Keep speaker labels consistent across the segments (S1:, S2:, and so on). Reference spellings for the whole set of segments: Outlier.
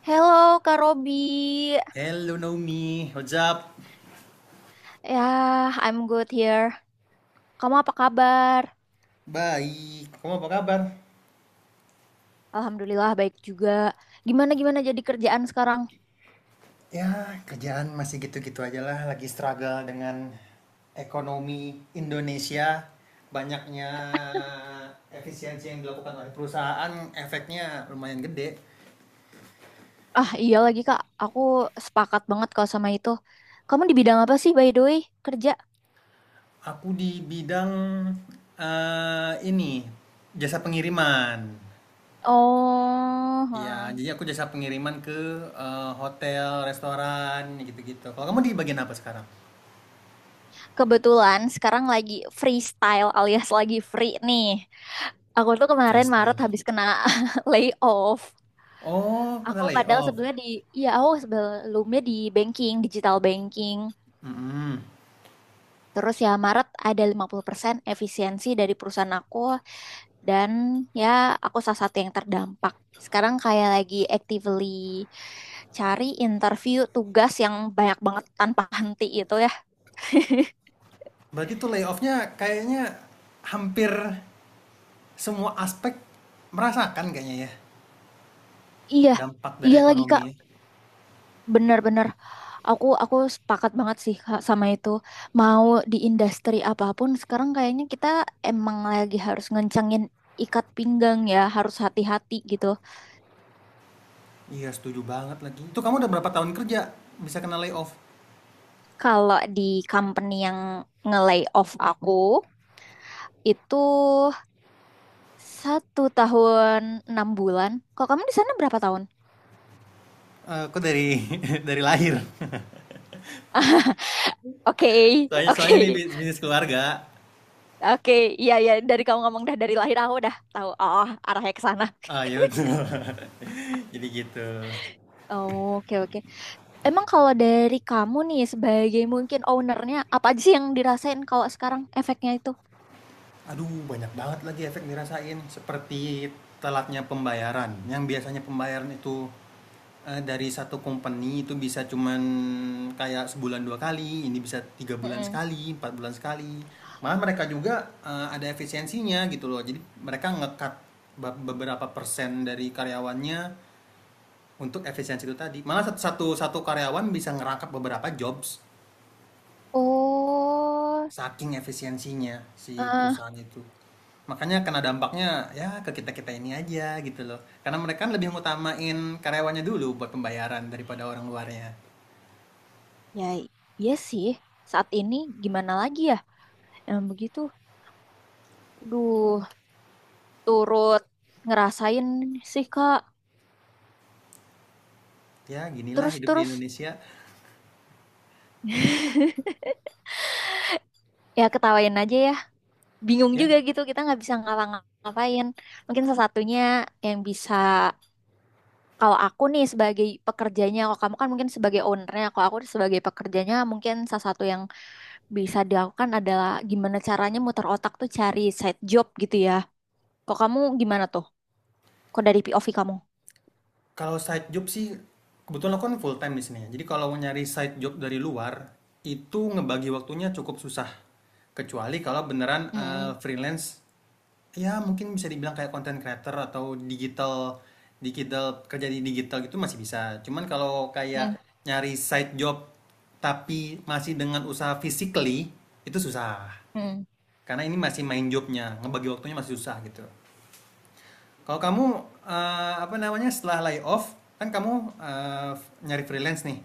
S1: Hello, Kak Robi.
S2: Hello Naomi, what's up?
S1: Ya, I'm good here. Kamu apa kabar?
S2: Baik, kamu apa kabar?
S1: Alhamdulillah baik juga. Gimana gimana jadi kerjaan sekarang?
S2: Ya, kerjaan masih gitu-gitu aja lah, lagi struggle dengan ekonomi Indonesia. Banyaknya efisiensi yang dilakukan oleh perusahaan, efeknya lumayan gede.
S1: Ah, iya lagi Kak. Aku sepakat banget kalau sama itu. Kamu di bidang apa sih by the way kerja?
S2: Aku di bidang ini jasa pengiriman.
S1: Oh,
S2: Ya,
S1: hmm.
S2: jadi aku jasa pengiriman ke hotel, restoran, gitu-gitu. Kalau kamu di bagian apa sekarang?
S1: Kebetulan sekarang lagi freestyle alias lagi free nih. Aku tuh kemarin Maret
S2: Freestyle.
S1: habis kena layoff.
S2: Oh,
S1: Aku
S2: kena
S1: padahal
S2: layoff.
S1: sebelumnya di, Iya, aku sebelumnya di banking, digital banking.
S2: Mm-mm.
S1: Terus ya Maret ada 50% efisiensi dari perusahaan aku dan ya aku salah satu yang terdampak. Sekarang kayak lagi actively cari interview tugas yang banyak banget tanpa henti itu ya.
S2: Berarti tuh layoffnya kayaknya hampir semua aspek merasakan kayaknya ya
S1: Iya,
S2: dampak dari
S1: iya lagi
S2: ekonomi,
S1: Kak.
S2: ya.
S1: Bener-bener. Aku sepakat banget sih Kak sama itu. Mau di industri apapun sekarang kayaknya kita emang lagi harus ngencengin ikat pinggang ya, harus hati-hati gitu.
S2: Iya, setuju banget lagi. Itu kamu udah berapa tahun kerja bisa kena layoff?
S1: Kalau di company yang nge-lay off aku itu 1 tahun 6 bulan. Kalau kamu di sana berapa tahun?
S2: Eh, kok dari dari lahir?
S1: Oke,
S2: Soalnya,
S1: oke,
S2: soalnya nih bisnis keluarga.
S1: oke. Iya, iya. Dari kamu ngomong dah dari lahir aku dah tahu. Oh, arahnya ke sana.
S2: Ah, iya betul. Jadi gitu.
S1: Oh, oke, oke. Emang kalau dari kamu nih sebagai mungkin ownernya, apa aja sih yang dirasain kalau sekarang efeknya itu?
S2: Aduh, banyak banget lagi efek dirasain. Seperti telatnya pembayaran. Yang biasanya pembayaran itu dari satu company itu bisa cuman kayak sebulan dua kali, ini bisa tiga bulan
S1: Mm-mm.
S2: sekali, empat bulan sekali. Malah mereka juga ada efisiensinya gitu loh. Jadi mereka ngekat beberapa persen dari karyawannya untuk efisiensi itu tadi. Malah satu satu karyawan bisa ngerangkap beberapa jobs.
S1: Oh,
S2: Saking efisiensinya si
S1: eh
S2: perusahaan itu. Makanya kena dampaknya ya ke kita-kita ini aja gitu loh. Karena mereka kan lebih ngutamain karyawannya dulu buat pembayaran daripada orang luarnya.
S1: ya, iya sih. Saat ini gimana lagi ya? Emang begitu. Duh. Turut ngerasain sih Kak.
S2: Ya, ginilah hidup di
S1: Terus-terus
S2: Indonesia.
S1: ya ketawain aja ya. Bingung
S2: Ya,
S1: juga gitu kita nggak bisa ngapa-ngapain. Mungkin salah satunya yang bisa kalau aku nih sebagai pekerjanya, kalau kamu kan mungkin sebagai ownernya, kalau aku sebagai pekerjanya mungkin salah satu yang bisa dilakukan adalah gimana caranya muter otak tuh cari side job gitu ya. Kok kamu gimana tuh? Kok dari POV kamu?
S2: kalau side job sih kebetulan aku kan full time di sini, ya. Jadi kalau mau nyari side job dari luar itu ngebagi waktunya cukup susah. Kecuali kalau beneran
S1: Mm-mm.
S2: freelance. Ya mungkin bisa dibilang kayak content creator atau digital digital kerja di digital gitu masih bisa. Cuman kalau kayak nyari side job tapi masih dengan usaha physically itu susah.
S1: Mm-mm.
S2: Karena ini masih main jobnya, ngebagi waktunya masih susah gitu. Kalau kamu apa namanya setelah layoff kan kamu, eh, nyari freelance nih.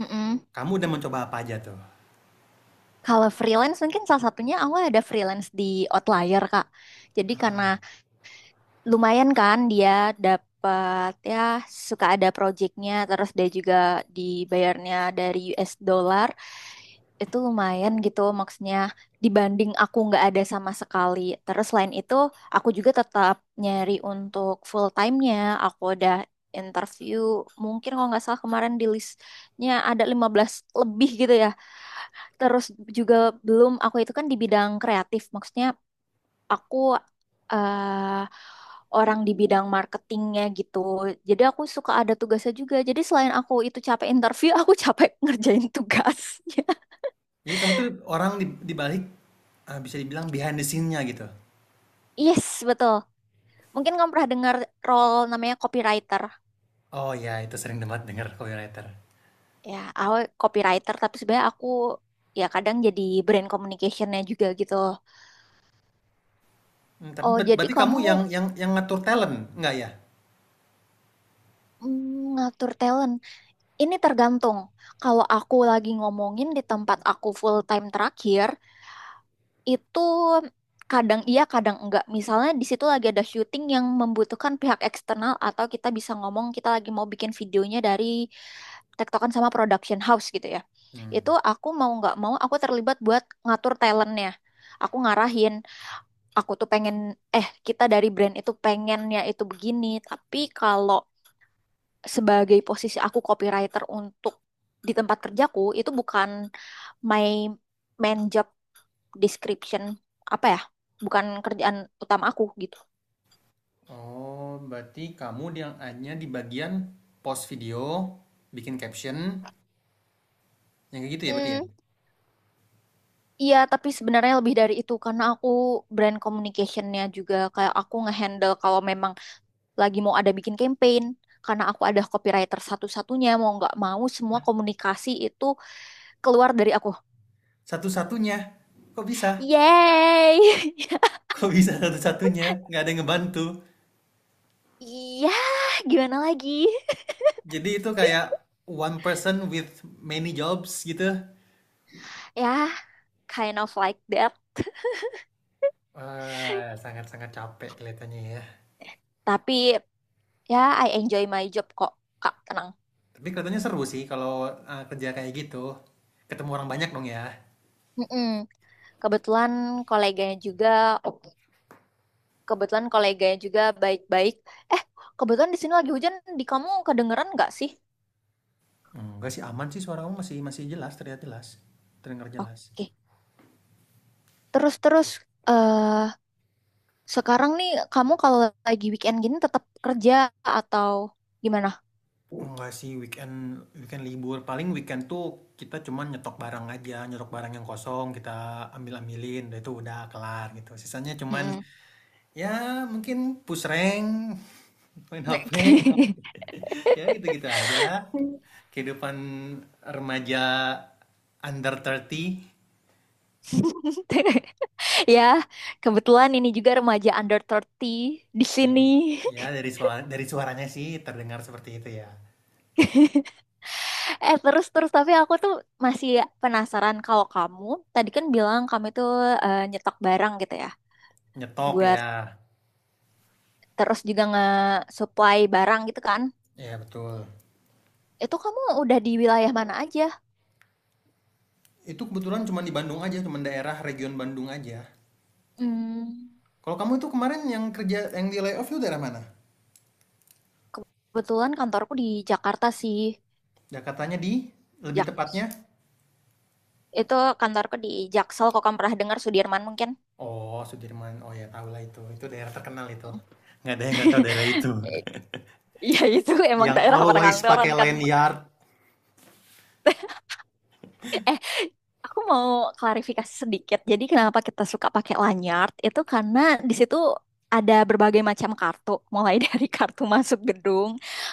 S1: Mm-mm.
S2: Kamu udah mencoba apa aja tuh?
S1: Kalau freelance mungkin salah satunya aku ada freelance di Outlier, Kak. Jadi karena lumayan kan dia dapat ya suka ada projectnya, terus dia juga dibayarnya dari US dollar. Itu lumayan gitu maksudnya dibanding aku nggak ada sama sekali. Terus selain itu aku juga tetap nyari untuk full time-nya. Aku udah interview mungkin kalau nggak salah kemarin di listnya ada 15 lebih gitu ya. Terus juga belum, aku itu kan di bidang kreatif, maksudnya aku eh orang di bidang marketingnya gitu. Jadi aku suka ada tugasnya juga. Jadi selain aku itu capek interview, aku capek ngerjain tugasnya.
S2: Jadi kamu tuh orang di balik, bisa dibilang behind the scene-nya gitu.
S1: Yes, betul. Mungkin kamu pernah dengar role namanya copywriter.
S2: Oh ya, itu sering banget denger copywriter.
S1: Ya, aku copywriter, tapi sebenarnya aku ya kadang jadi brand communicationnya juga gitu.
S2: Mmm, tapi
S1: Oh, jadi
S2: berarti kamu
S1: kamu
S2: yang yang ngatur talent, enggak ya?
S1: ngatur talent. Ini tergantung. Kalau aku lagi ngomongin di tempat aku full time terakhir, itu kadang iya, kadang enggak. Misalnya di situ lagi ada syuting yang membutuhkan pihak eksternal atau kita bisa ngomong kita lagi mau bikin videonya dari tektokan sama production house gitu ya.
S2: Mmm,
S1: Itu aku mau nggak mau aku terlibat buat ngatur talentnya. Aku ngarahin, aku tuh pengen, kita dari brand itu pengennya itu begini, tapi kalau sebagai posisi aku copywriter untuk di tempat kerjaku itu bukan my main job description, apa ya, bukan kerjaan utama aku gitu.
S2: oh berarti kamu yang hanya di bagian post video, bikin caption, yang kayak gitu ya berarti ya?
S1: Hmm, iya tapi sebenarnya lebih dari itu karena aku brand communicationnya juga, kayak aku ngehandle kalau memang lagi mau ada bikin campaign. Karena aku ada copywriter satu-satunya, mau nggak mau semua komunikasi itu keluar dari aku.
S2: Satu-satunya? Kok bisa?
S1: Yay.
S2: Kok bisa satu-satunya? Nggak ada yang ngebantu?
S1: Iya, gimana lagi.
S2: Jadi itu kayak one person with many jobs gitu?
S1: Ya, yeah, kind of like that.
S2: Wah, sangat-sangat capek kelihatannya ya.
S1: Tapi ya I enjoy my job kok, Kak, tenang.
S2: Tapi kelihatannya seru sih kalau, kerja kayak gitu. Ketemu orang banyak dong ya?
S1: Mm-mm. Kebetulan koleganya juga, ok, kebetulan koleganya juga baik-baik. Eh, kebetulan di sini lagi hujan, di kamu kedengeran nggak sih?
S2: Enggak sih, aman sih, suara kamu masih masih jelas, terlihat jelas, terdengar jelas.
S1: Oke, terus-terus. eh Sekarang nih kamu kalau lagi weekend gini tetap kerja atau gimana?
S2: Enggak sih, weekend weekend libur, paling weekend tuh kita cuman nyetok barang aja, nyetok barang yang kosong kita ambilin, udah itu udah kelar gitu, sisanya cuman
S1: Mm-mm.
S2: ya mungkin push rank, main HP. Ya gitu gitu aja lah, kehidupan remaja under 30.
S1: Ya, kebetulan ini juga remaja under 30 di
S2: Ya,
S1: sini.
S2: ya dari suara, dari suaranya sih terdengar seperti itu ya.
S1: Eh, terus terus tapi aku tuh masih penasaran, kalau kamu tadi kan bilang kamu itu nyetok barang gitu ya
S2: Nyetok
S1: buat,
S2: ya.
S1: terus juga nge-supply barang gitu kan,
S2: Ya betul.
S1: itu kamu udah di wilayah mana aja?
S2: Itu kebetulan cuma di Bandung aja, cuma daerah region Bandung aja.
S1: Hmm,
S2: Kalau kamu itu kemarin yang kerja yang di layoff itu daerah mana?
S1: kebetulan kantorku di Jakarta sih.
S2: Jakartanya di lebih
S1: Jak
S2: tepatnya?
S1: itu kantorku di Jaksel, kok, kamu pernah dengar Sudirman mungkin?
S2: Oh, Sudirman. Oh ya, tahu lah itu. Itu daerah terkenal itu. Nggak ada yang nggak tahu daerah itu.
S1: Iya itu emang
S2: Yang
S1: daerah
S2: always
S1: perkantoran
S2: pakai
S1: kan.
S2: lanyard.
S1: Aku mau klarifikasi sedikit. Jadi kenapa kita suka pakai lanyard itu karena di situ ada berbagai macam kartu, mulai dari kartu masuk gedung,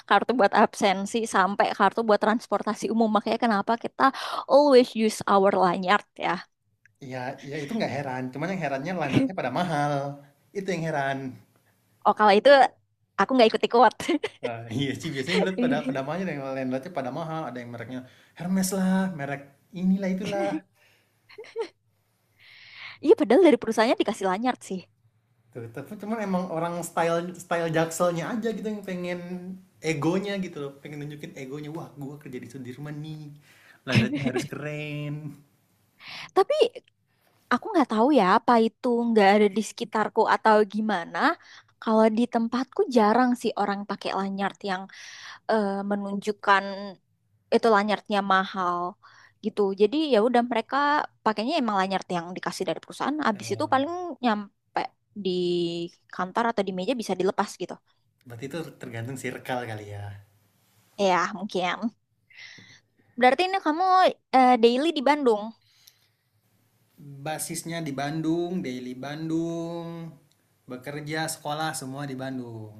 S1: kartu buat absensi, sampai kartu buat transportasi umum. Makanya kenapa kita always use our lanyard ya.
S2: Ya, ya itu nggak heran. Cuman yang herannya lanyardnya pada mahal. Itu yang heran.
S1: Oh kalau itu aku nggak ikut-ikut.
S2: Nah, iya sih, biasanya lihat pada pada mahal, yang landlordnya pada mahal, ada yang mereknya Hermes lah, merek inilah itulah.
S1: Iya padahal dari perusahaannya dikasih lanyard sih.
S2: Tuh, tapi cuman emang orang style style jakselnya aja gitu yang pengen egonya gitu loh, pengen nunjukin egonya, wah gua kerja di Sudirman nih, landratnya harus keren.
S1: Tapi aku nggak tahu ya apa itu nggak ada di sekitarku atau gimana. Kalau di tempatku jarang sih orang pakai lanyard yang menunjukkan itu lanyardnya mahal gitu. Jadi ya udah mereka pakainya emang lanyard yang dikasih dari perusahaan. Abis itu
S2: Em,
S1: paling nyampe di kantor atau di meja bisa dilepas gitu.
S2: berarti itu tergantung circle kali ya.
S1: Ya mungkin. Berarti ini kamu daily di Bandung,
S2: Basisnya di Bandung, daily Bandung, bekerja, sekolah semua di Bandung.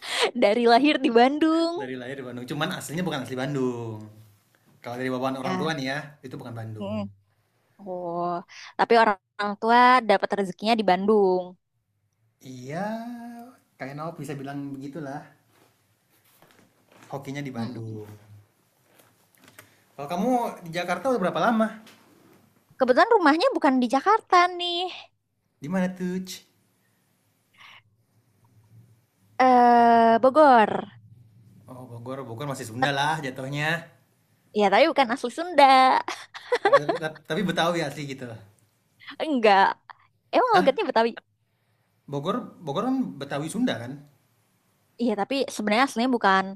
S1: dari lahir di Bandung.
S2: Dari lahir di Bandung cuman aslinya bukan asli Bandung. Kalau dari bawaan orang tua
S1: Ya.
S2: nih ya, itu bukan
S1: Mm.
S2: Bandung.
S1: Oh, tapi orang orang tua dapat rezekinya di Bandung.
S2: Iya, kayaknya bisa bilang begitulah, hokinya di
S1: Mm.
S2: Bandung. Kalau kamu di Jakarta udah berapa lama?
S1: Kebetulan rumahnya bukan di Jakarta nih.
S2: Di mana tuh?
S1: Eh, Bogor.
S2: Oh Bogor, Bogor masih Sunda
S1: Tep-
S2: lah jatuhnya.
S1: Ya, tapi bukan asli Sunda.
S2: Ah, tapi Betawi asli gitu.
S1: Enggak. Emang
S2: Hah?
S1: logatnya Betawi.
S2: Bogor, Bogor kan Betawi Sunda kan?
S1: Iya, tapi sebenarnya aslinya bukan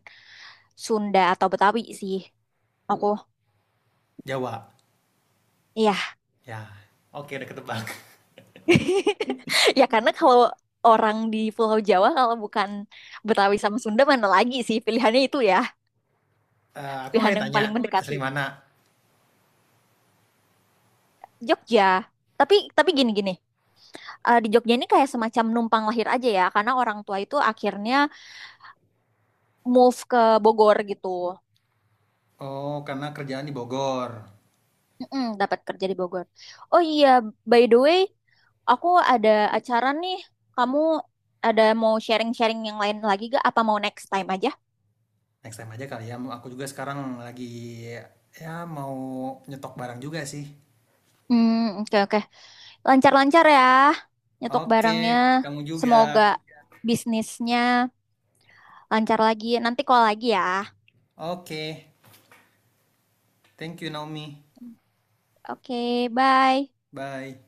S1: Sunda atau Betawi sih. Aku,
S2: Jawa.
S1: iya.
S2: Ya. Oke, udah ketebak.
S1: Ya karena kalau orang di Pulau Jawa kalau bukan Betawi sama Sunda mana lagi sih pilihannya itu ya,
S2: Eh, aku mau
S1: pilihan yang
S2: tanya,
S1: paling mendekati.
S2: asli mana?
S1: Jogja. Tapi gini-gini. Di Jogja ini kayak semacam numpang lahir aja ya, karena orang tua itu akhirnya move ke Bogor gitu.
S2: Oh, karena kerjaan di Bogor.
S1: Mm-mm, dapat kerja di Bogor. Oh iya, by the way, aku ada acara nih. Kamu ada mau sharing-sharing yang lain lagi gak? Apa mau next time aja?
S2: Next time aja kali ya. Aku juga sekarang lagi ya mau nyetok barang juga sih.
S1: Hmm, oke oke. Lancar-lancar ya, nyetok
S2: Oke,
S1: barangnya.
S2: kamu juga.
S1: Semoga bisnisnya lancar lagi. Nanti call lagi ya.
S2: Oke. Thank you Naomi.
S1: Oke, bye.
S2: Bye.